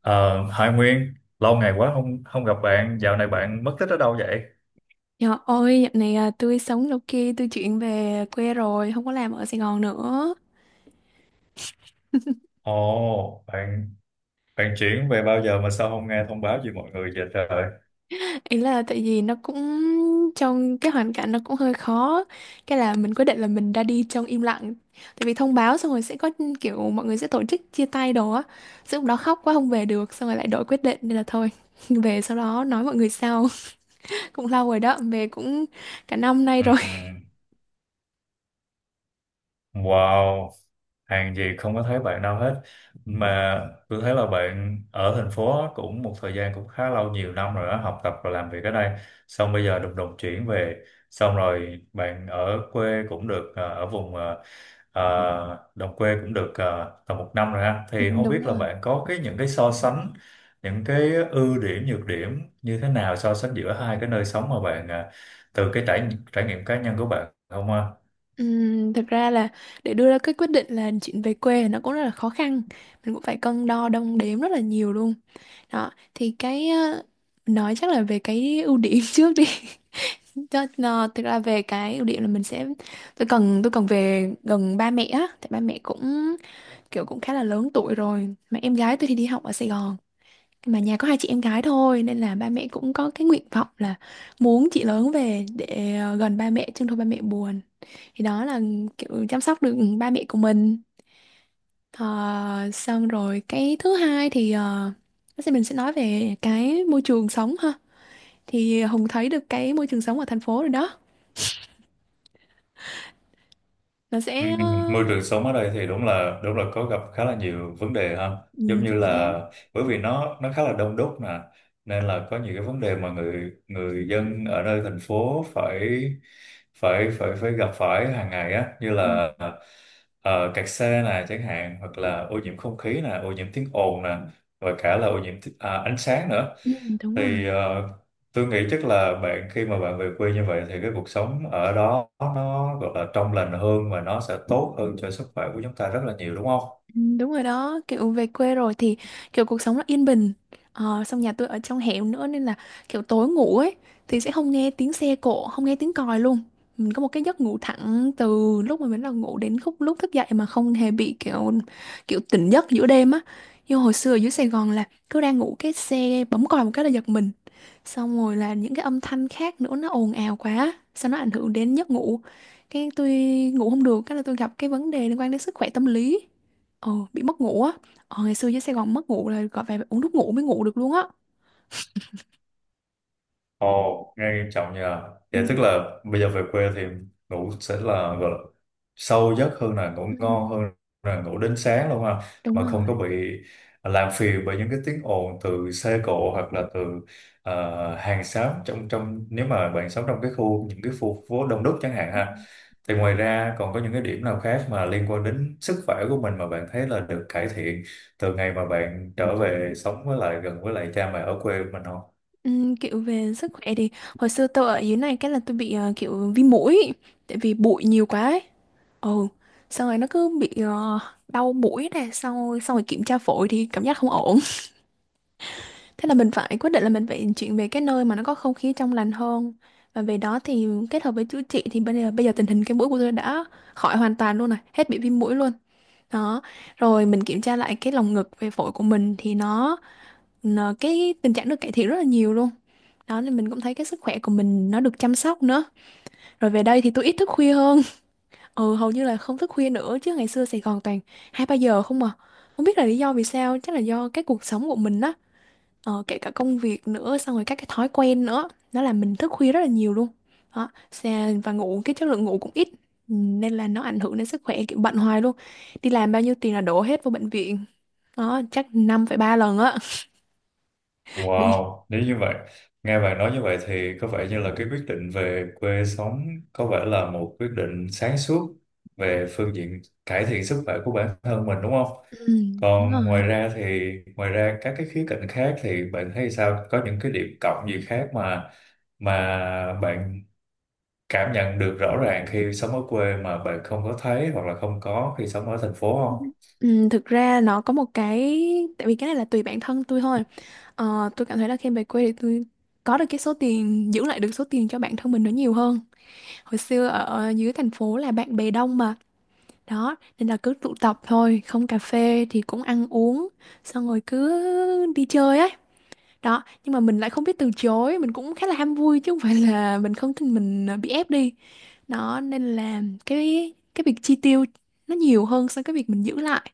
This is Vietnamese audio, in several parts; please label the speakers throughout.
Speaker 1: Ờ, Hải Nguyên, lâu ngày quá không không gặp bạn, dạo này bạn mất tích ở đâu vậy?
Speaker 2: Dạ ôi, dạo này à, tôi sống đâu kia, tôi chuyển về quê rồi, không có làm ở Sài Gòn nữa.
Speaker 1: Ồ, bạn bạn chuyển về bao giờ mà sao không nghe thông báo gì mọi người vậy trời?
Speaker 2: Ý là tại vì nó cũng trong cái hoàn cảnh nó cũng hơi khó. Cái là mình quyết định là mình ra đi trong im lặng. Tại vì thông báo xong rồi sẽ có kiểu mọi người sẽ tổ chức chia tay đồ á. Xong lúc đó khóc quá không về được, xong rồi lại đổi quyết định nên là thôi. Về sau đó nói mọi người sau. Cũng lâu rồi đó, về cũng cả năm nay
Speaker 1: Ừ.
Speaker 2: rồi.
Speaker 1: Wow, hàng gì không có thấy bạn đâu hết. Mà tôi thấy là bạn ở thành phố cũng một thời gian cũng khá lâu, nhiều năm rồi đó, học tập và làm việc ở đây. Xong bây giờ đùng đùng chuyển về. Xong rồi bạn ở quê cũng được, ở vùng đồng quê cũng được, tầm một năm rồi ha.
Speaker 2: Ừ,
Speaker 1: Thì không
Speaker 2: đúng
Speaker 1: biết là
Speaker 2: rồi.
Speaker 1: bạn có cái những cái so sánh, những cái ưu điểm, nhược điểm như thế nào, so sánh giữa hai cái nơi sống mà bạn từ cái trải trải nghiệm cá nhân của bạn không ha?
Speaker 2: Thực ra là để đưa ra cái quyết định là chuyện về quê nó cũng rất là khó khăn, mình cũng phải cân đo đong đếm rất là nhiều luôn. Đó thì cái nói chắc là về cái ưu điểm trước đi. Thực ra về cái ưu điểm là mình sẽ tôi cần về gần ba mẹ á, tại ba mẹ cũng kiểu cũng khá là lớn tuổi rồi, mà em gái tôi thì đi học ở Sài Gòn, mà nhà có hai chị em gái thôi nên là ba mẹ cũng có cái nguyện vọng là muốn chị lớn về để gần ba mẹ chứ thôi ba mẹ buồn. Thì đó là kiểu chăm sóc được ba mẹ của mình. Ờ, Xong rồi cái thứ hai thì bác sĩ mình sẽ nói về cái môi trường sống ha. Thì Hùng thấy được cái môi trường sống ở thành phố rồi đó, nó
Speaker 1: Ừ,
Speaker 2: sẽ
Speaker 1: môi trường sống ở đây thì đúng là có gặp khá là nhiều vấn đề ha, giống
Speaker 2: ừ,
Speaker 1: như
Speaker 2: chính xác.
Speaker 1: là bởi vì nó khá là đông đúc nè, nên là có nhiều cái vấn đề mà người người dân ở nơi thành phố phải phải gặp phải hàng ngày á, như
Speaker 2: Ừ,
Speaker 1: là kẹt xe nè chẳng hạn, hoặc là ô nhiễm không khí nè, ô nhiễm tiếng ồn nè, và cả là ô nhiễm à, ánh sáng nữa.
Speaker 2: ừ, đúng rồi.
Speaker 1: Thì tôi nghĩ chắc là bạn khi mà bạn về quê như vậy thì cái cuộc sống ở đó nó gọi là trong lành hơn và nó sẽ tốt hơn cho sức khỏe của chúng ta rất là nhiều đúng không?
Speaker 2: Ừ, đúng rồi đó, kiểu về quê rồi thì kiểu cuộc sống nó yên bình. Xong nhà tôi ở trong hẻm nữa nên là kiểu tối ngủ ấy, thì sẽ không nghe tiếng xe cộ, không nghe tiếng còi luôn. Mình có một cái giấc ngủ thẳng từ lúc mà mình bắt đầu ngủ đến khúc lúc thức dậy mà không hề bị kiểu kiểu tỉnh giấc giữa đêm á. Nhưng hồi xưa ở dưới Sài Gòn là cứ đang ngủ cái xe bấm còi một cái là giật mình. Xong rồi là những cái âm thanh khác nữa nó ồn ào quá. Sao nó ảnh hưởng đến giấc ngủ. Cái tôi ngủ không được, cái là tôi gặp cái vấn đề liên quan đến sức khỏe tâm lý. Bị mất ngủ á. Ngày xưa dưới Sài Gòn mất ngủ là gọi về uống thuốc ngủ mới ngủ được luôn á.
Speaker 1: Ồ, nghe nghiêm trọng nhờ.
Speaker 2: Ừ.
Speaker 1: Vậy tức là bây giờ về quê thì ngủ sẽ là gọi là sâu giấc hơn, là ngủ
Speaker 2: Ừ,
Speaker 1: ngon hơn, là ngủ đến sáng luôn ha.
Speaker 2: đúng
Speaker 1: Mà không có
Speaker 2: rồi.
Speaker 1: bị làm phiền bởi những cái tiếng ồn từ xe cộ, hoặc là từ hàng xóm trong trong nếu mà bạn sống trong cái khu những cái khu phố đông đúc chẳng hạn
Speaker 2: Ừ.
Speaker 1: ha. Thì ngoài ra còn có những cái điểm nào khác mà liên quan đến sức khỏe của mình mà bạn thấy là được cải thiện từ ngày mà bạn trở về sống với lại gần với lại cha mẹ ở quê mình không?
Speaker 2: Ừ, kiểu về sức khỏe thì hồi xưa tôi ở dưới này cái là tôi bị kiểu viêm mũi, tại vì bụi nhiều quá ấy. Ừ, xong rồi nó cứ bị đau mũi này, xong rồi kiểm tra phổi thì cảm giác không ổn. Thế là mình phải quyết định là mình phải chuyển về cái nơi mà nó có không khí trong lành hơn. Và về đó thì kết hợp với chữa trị thì bây giờ tình hình cái mũi của tôi đã khỏi hoàn toàn luôn này, hết bị viêm mũi luôn. Đó, rồi mình kiểm tra lại cái lồng ngực về phổi của mình thì cái tình trạng được cải thiện rất là nhiều luôn. Đó nên mình cũng thấy cái sức khỏe của mình nó được chăm sóc nữa. Rồi về đây thì tôi ít thức khuya hơn. Ừ, hầu như là không thức khuya nữa, chứ ngày xưa Sài Gòn toàn 2 3 giờ không à. Không biết là lý do vì sao, chắc là do cái cuộc sống của mình á, kể cả công việc nữa, xong rồi các cái thói quen nữa, nó làm mình thức khuya rất là nhiều luôn. Đó, và ngủ cái chất lượng ngủ cũng ít. Ừ, nên là nó ảnh hưởng đến sức khỏe, kiểu bận hoài luôn, đi làm bao nhiêu tiền là đổ hết vô bệnh viện, có chắc 5,3 lần á. Bị
Speaker 1: Wow, nếu như vậy, nghe bạn nói như vậy thì có vẻ như là cái quyết định về quê sống có vẻ là một quyết định sáng suốt về phương diện cải thiện sức khỏe của bản thân mình đúng không?
Speaker 2: ừ, đúng
Speaker 1: Còn
Speaker 2: rồi.
Speaker 1: ngoài ra các cái khía cạnh khác thì bạn thấy sao? Có những cái điểm cộng gì khác mà bạn cảm nhận được rõ ràng khi sống ở quê mà bạn không có thấy hoặc là không có khi sống ở thành phố không?
Speaker 2: Ừ, thực ra nó có một cái, tại vì cái này là tùy bản thân tôi thôi. Tôi cảm thấy là khi về quê thì tôi có được cái số tiền, giữ lại được số tiền cho bản thân mình nó nhiều hơn. Hồi xưa ở dưới thành phố là bạn bè đông mà, đó nên là cứ tụ tập thôi, không cà phê thì cũng ăn uống, xong rồi cứ đi chơi á. Đó nhưng mà mình lại không biết từ chối, mình cũng khá là ham vui chứ không phải là mình không, tin mình à, bị ép đi. Đó nên là cái việc chi tiêu nó nhiều hơn so với cái việc mình giữ lại.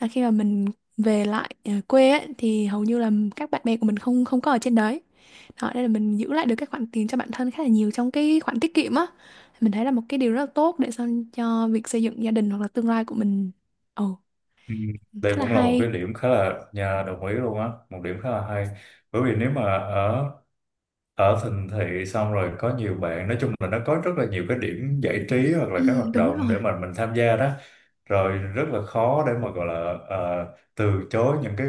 Speaker 2: Là khi mà mình về lại à, quê ấy, thì hầu như là các bạn bè của mình không không có ở trên đấy. Đó nên là mình giữ lại được cái khoản tiền cho bản thân khá là nhiều trong cái khoản tiết kiệm á, mình thấy là một cái điều rất là tốt để sau cho việc xây dựng gia đình hoặc là tương lai của mình. Ồ,
Speaker 1: Ừ, đây
Speaker 2: khá là
Speaker 1: cũng là một cái
Speaker 2: hay.
Speaker 1: điểm khá là nhà đồng ý luôn á, một điểm khá là hay. Bởi vì nếu mà ở ở thành thị xong rồi có nhiều bạn, nói chung là nó có rất là nhiều cái điểm giải trí hoặc
Speaker 2: Ừ,
Speaker 1: là các hoạt
Speaker 2: đúng
Speaker 1: động
Speaker 2: rồi.
Speaker 1: để mà mình tham gia đó, rồi rất là khó để mà gọi là ờ, từ chối những cái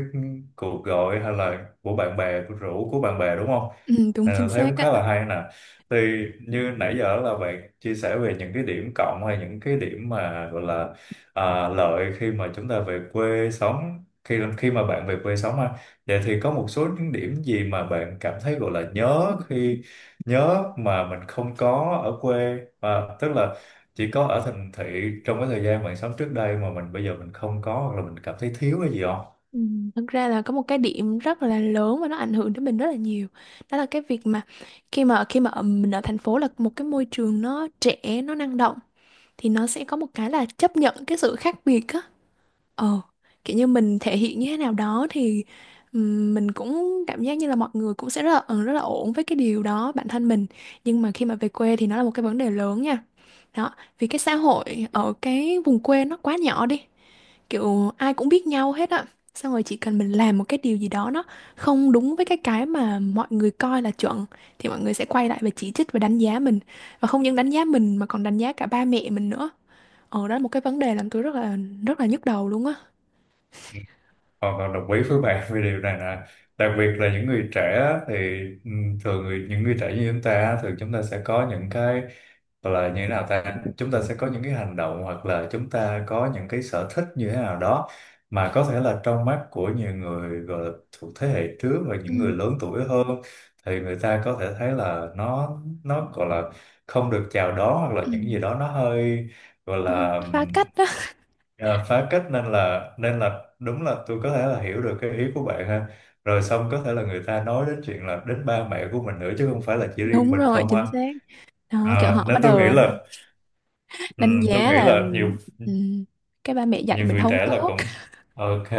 Speaker 1: cuộc gọi hay là của bạn bè của rủ của bạn bè đúng không.
Speaker 2: Ừ, đúng
Speaker 1: Nên là
Speaker 2: chính
Speaker 1: thấy
Speaker 2: xác
Speaker 1: cũng khá
Speaker 2: á.
Speaker 1: là hay nè, thì như nãy giờ là bạn chia sẻ về những cái điểm cộng hay những cái điểm mà gọi là lợi khi mà chúng ta về quê sống, khi khi mà bạn về quê sống ha, vậy thì có một số những điểm gì mà bạn cảm thấy gọi là nhớ khi nhớ mà mình không có ở quê, à, tức là chỉ có ở thành thị trong cái thời gian bạn sống trước đây mà mình bây giờ mình không có, hoặc là mình cảm thấy thiếu cái gì.
Speaker 2: Ừ, thật ra là có một cái điểm rất là lớn và nó ảnh hưởng đến mình rất là nhiều. Đó là cái việc mà khi mà mình ở thành phố là một cái môi trường nó trẻ, nó năng động, thì nó sẽ có một cái là chấp nhận cái sự khác biệt á. Ờ, Kiểu như mình thể hiện như thế nào đó thì mình cũng cảm giác như là mọi người cũng sẽ rất là rất là ổn với cái điều đó bản thân mình. Nhưng mà khi mà về quê thì nó là một cái vấn đề lớn nha. Đó, vì cái xã hội ở cái vùng quê nó quá nhỏ đi. Kiểu ai cũng biết nhau hết á. Xong rồi chỉ cần mình làm một cái điều gì đó nó không đúng với cái mà mọi người coi là chuẩn, thì mọi người sẽ quay lại và chỉ trích và đánh giá mình. Và không những đánh giá mình mà còn đánh giá cả ba mẹ mình nữa. Ờ, đó là một cái vấn đề làm tôi rất là nhức đầu luôn á.
Speaker 1: Hoàn toàn đồng ý với bạn về điều này nè, đặc biệt là những người trẻ á, thì ừ, thường những người trẻ như chúng ta á, thường chúng ta sẽ có những cái gọi là như thế nào ta, chúng ta sẽ có những cái hành động hoặc là chúng ta có những cái sở thích như thế nào đó mà có thể là trong mắt của nhiều người gọi là thuộc thế hệ trước và những người
Speaker 2: Ừ.
Speaker 1: lớn tuổi hơn, thì người ta có thể thấy là nó gọi là không được chào đón hoặc là
Speaker 2: Ừ.
Speaker 1: những gì đó nó hơi gọi
Speaker 2: Nó
Speaker 1: là
Speaker 2: phá cách đó.
Speaker 1: à, phá cách, nên là đúng là tôi có thể là hiểu được cái ý của bạn ha, rồi xong có thể là người ta nói đến chuyện là đến ba mẹ của mình nữa chứ không phải là chỉ riêng
Speaker 2: Đúng
Speaker 1: mình
Speaker 2: rồi,
Speaker 1: không ha.
Speaker 2: chính xác. Đó, kiểu
Speaker 1: À,
Speaker 2: họ bắt
Speaker 1: nên
Speaker 2: đầu đánh
Speaker 1: tôi
Speaker 2: giá
Speaker 1: nghĩ
Speaker 2: là
Speaker 1: là nhiều
Speaker 2: ừm, cái ba mẹ dạy
Speaker 1: nhiều
Speaker 2: mình
Speaker 1: người
Speaker 2: không
Speaker 1: trẻ là
Speaker 2: tốt.
Speaker 1: cũng ok,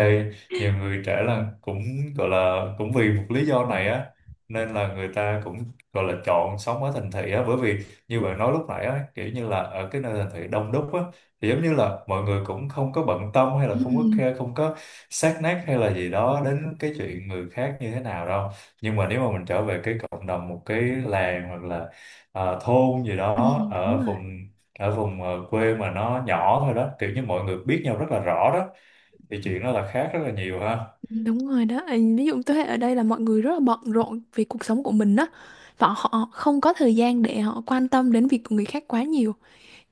Speaker 1: nhiều người trẻ là cũng gọi là cũng vì một lý do này á, nên là người ta cũng gọi là chọn sống ở thành thị á, bởi vì như bạn nói lúc nãy á, kiểu như là ở cái nơi thành thị đông đúc á thì giống như là mọi người cũng không có bận tâm hay
Speaker 2: Ừ.
Speaker 1: là không có care, không có sát nát hay là gì đó đến cái chuyện người khác như thế nào đâu. Nhưng mà nếu mà mình trở về cái cộng đồng một cái làng hoặc là à, thôn gì
Speaker 2: Ừ.
Speaker 1: đó
Speaker 2: Đúng
Speaker 1: ở
Speaker 2: rồi.
Speaker 1: vùng quê mà nó nhỏ thôi đó, kiểu như mọi người biết nhau rất là rõ đó, thì chuyện đó là khác rất là nhiều ha.
Speaker 2: Đúng rồi đó. Ừ, ví dụ thế hệ ở đây là mọi người rất là bận rộn vì cuộc sống của mình đó, và họ không có thời gian để họ quan tâm đến việc của người khác quá nhiều.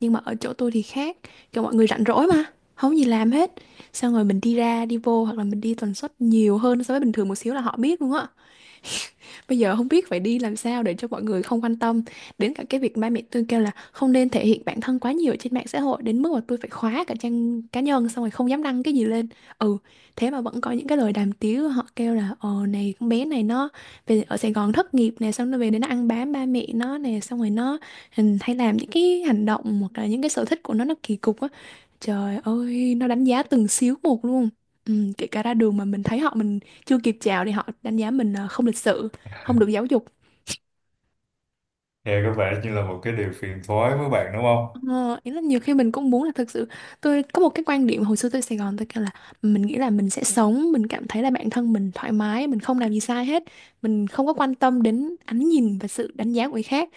Speaker 2: Nhưng mà ở chỗ tôi thì khác, kiểu mọi người rảnh rỗi mà không gì làm hết, xong rồi mình đi ra đi vô hoặc là mình đi tần suất nhiều hơn so với bình thường một xíu là họ biết luôn á. Bây giờ không biết phải đi làm sao để cho mọi người không quan tâm, đến cả cái việc ba mẹ tôi kêu là không nên thể hiện bản thân quá nhiều trên mạng xã hội đến mức mà tôi phải khóa cả trang cá nhân, xong rồi không dám đăng cái gì lên. Ừ, thế mà vẫn có những cái lời đàm tiếu, họ kêu là này con bé này nó về ở Sài Gòn thất nghiệp nè, xong nó về đến nó ăn bám ba mẹ nó nè, xong rồi nó hay làm những cái hành động hoặc là những cái sở thích của nó kỳ cục á. Trời ơi, nó đánh giá từng xíu một luôn. Ừ, kể cả ra đường mà mình thấy họ, mình chưa kịp chào thì họ đánh giá mình là không lịch sự, không được giáo dục.
Speaker 1: Nghe có vẻ như là một cái điều phiền toái với bạn đúng không.
Speaker 2: Ờ, Ý là nhiều khi mình cũng muốn là thực sự, tôi có một cái quan điểm hồi xưa tôi Sài Gòn tôi kêu là mình nghĩ là mình sẽ sống, mình cảm thấy là bản thân mình thoải mái, mình không làm gì sai hết, mình không có quan tâm đến ánh nhìn và sự đánh giá của người khác.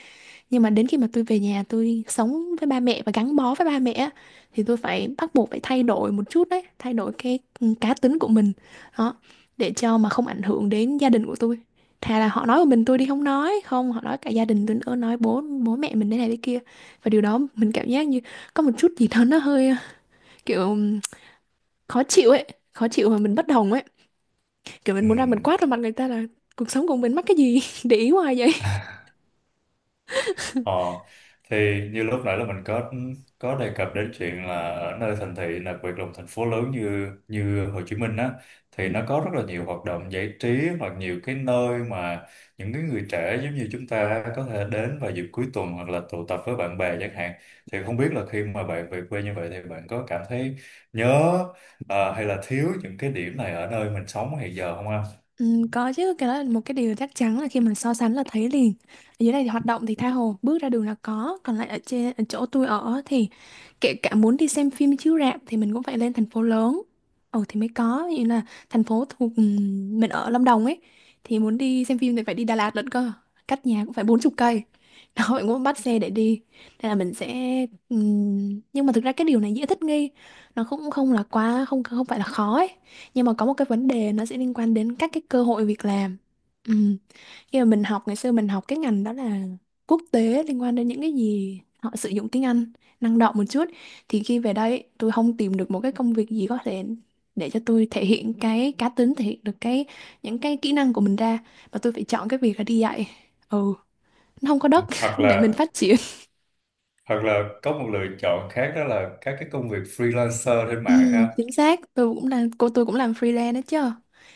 Speaker 2: Nhưng mà đến khi mà tôi về nhà tôi sống với ba mẹ và gắn bó với ba mẹ á, thì tôi phải bắt buộc phải thay đổi một chút đấy, thay đổi cái cá tính của mình đó, để cho mà không ảnh hưởng đến gia đình của tôi. Thà là họ nói một mình tôi đi không, nói không họ nói cả gia đình tôi nữa, nói bố bố mẹ mình thế này thế kia. Và điều đó mình cảm giác như có một chút gì đó nó hơi kiểu khó chịu ấy, khó chịu mà mình bất đồng ấy, kiểu mình
Speaker 1: Ừ.
Speaker 2: muốn ra mình quát vào mặt người ta là cuộc sống của mình mắc cái gì để ý hoài vậy.
Speaker 1: Ờ, thì như lúc nãy là mình có đề cập đến chuyện là ở nơi thành thị, đặc biệt là một thành phố lớn như như Hồ Chí Minh á, thì nó có rất là nhiều hoạt động giải trí hoặc nhiều cái nơi mà những cái người trẻ giống như chúng ta có thể đến vào dịp cuối tuần hoặc là tụ tập với bạn bè chẳng hạn, thì không biết là khi mà bạn về quê như vậy thì bạn có cảm thấy nhớ à, hay là thiếu những cái điểm này ở nơi mình sống hiện giờ không anh?
Speaker 2: Ừ, có chứ, cái đó là một cái điều chắc chắn, là khi mà so sánh là thấy liền. Ở dưới này thì hoạt động thì tha hồ, bước ra đường là có. Còn lại ở trên ở chỗ tôi ở thì kể cả muốn đi xem phim chiếu rạp thì mình cũng phải lên thành phố lớn, ồ, thì mới có. Như là thành phố thuộc mình ở Lâm Đồng ấy, thì muốn đi xem phim thì phải đi Đà Lạt lận cơ, cách nhà cũng phải 40 cây. Đó mình cũng bắt xe để đi, nên là mình sẽ nhưng mà thực ra cái điều này dễ thích nghi, nó cũng không là quá, không không phải là khó ấy. Nhưng mà có một cái vấn đề nó sẽ liên quan đến các cái cơ hội việc làm. Ừ. Khi mà mình học, ngày xưa mình học cái ngành đó là quốc tế, liên quan đến những cái gì họ sử dụng tiếng Anh, năng động một chút, thì khi về đây tôi không tìm được một cái công việc gì có thể để cho tôi thể hiện cái cá tính, thể hiện được cái những cái kỹ năng của mình ra, và tôi phải chọn cái việc là đi dạy. Ừ, nó không có đất
Speaker 1: Hoặc
Speaker 2: để mình
Speaker 1: là
Speaker 2: phát triển.
Speaker 1: có một lựa chọn khác đó là các cái công việc freelancer trên
Speaker 2: Ừ,
Speaker 1: mạng ha.
Speaker 2: chính xác, tôi cũng làm cô, tôi cũng làm freelance đó chứ,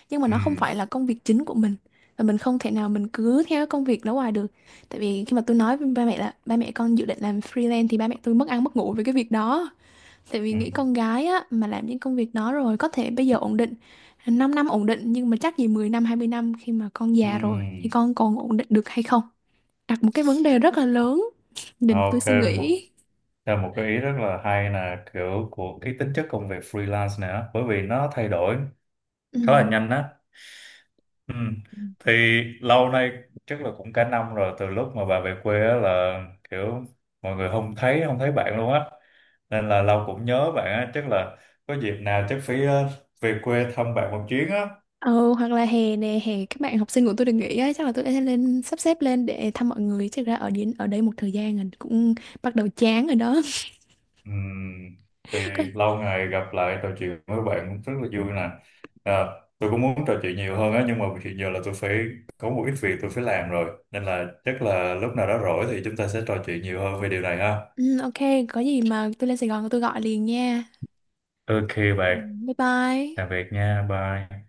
Speaker 2: nhưng mà
Speaker 1: Ừ,
Speaker 2: nó không phải là công việc chính của mình, và mình không thể nào mình cứ theo cái công việc đó hoài được. Tại vì khi mà tôi nói với ba mẹ là ba mẹ con dự định làm freelance thì ba mẹ tôi mất ăn mất ngủ với cái việc đó. Tại vì
Speaker 1: ừ,
Speaker 2: nghĩ con gái á mà làm những công việc đó, rồi có thể bây giờ ổn định, 5 năm ổn định, nhưng mà chắc gì 10 năm 20 năm khi mà con
Speaker 1: ừ.
Speaker 2: già rồi thì con còn ổn định được hay không. Đặt một cái vấn đề rất là lớn, nên tôi
Speaker 1: Ok,
Speaker 2: suy
Speaker 1: một
Speaker 2: nghĩ.
Speaker 1: theo một cái ý rất là hay là kiểu của cái tính chất công việc freelance này á, bởi vì nó thay đổi khá là nhanh á. Ừ.
Speaker 2: Ừ.
Speaker 1: Thì lâu nay chắc là cũng cả năm rồi từ lúc mà bà về quê á, là kiểu mọi người không thấy bạn luôn á. Nên là lâu cũng nhớ bạn á, chắc là có dịp nào chắc phải về quê thăm bạn một chuyến á.
Speaker 2: Ừ, hoặc là hè nè, hè các bạn học sinh của tôi được nghỉ ấy, chắc là tôi sẽ lên, sắp xếp lên để thăm mọi người. Chắc ra ở đến ở đây một thời gian rồi cũng bắt đầu chán rồi đó.
Speaker 1: Ừm, thì
Speaker 2: Coi-
Speaker 1: lâu ngày gặp lại trò chuyện với bạn cũng rất là vui nè, à, tôi cũng muốn trò chuyện nhiều hơn á, nhưng mà hiện giờ là tôi phải có một ít việc tôi phải làm rồi, nên là chắc là lúc nào đó rỗi thì chúng ta sẽ trò chuyện nhiều hơn về điều này ha.
Speaker 2: Ừ, ok, có gì mà tôi lên Sài Gòn tôi gọi liền nha.
Speaker 1: Ok
Speaker 2: Ừ,
Speaker 1: bạn,
Speaker 2: bye bye.
Speaker 1: tạm biệt nha, bye.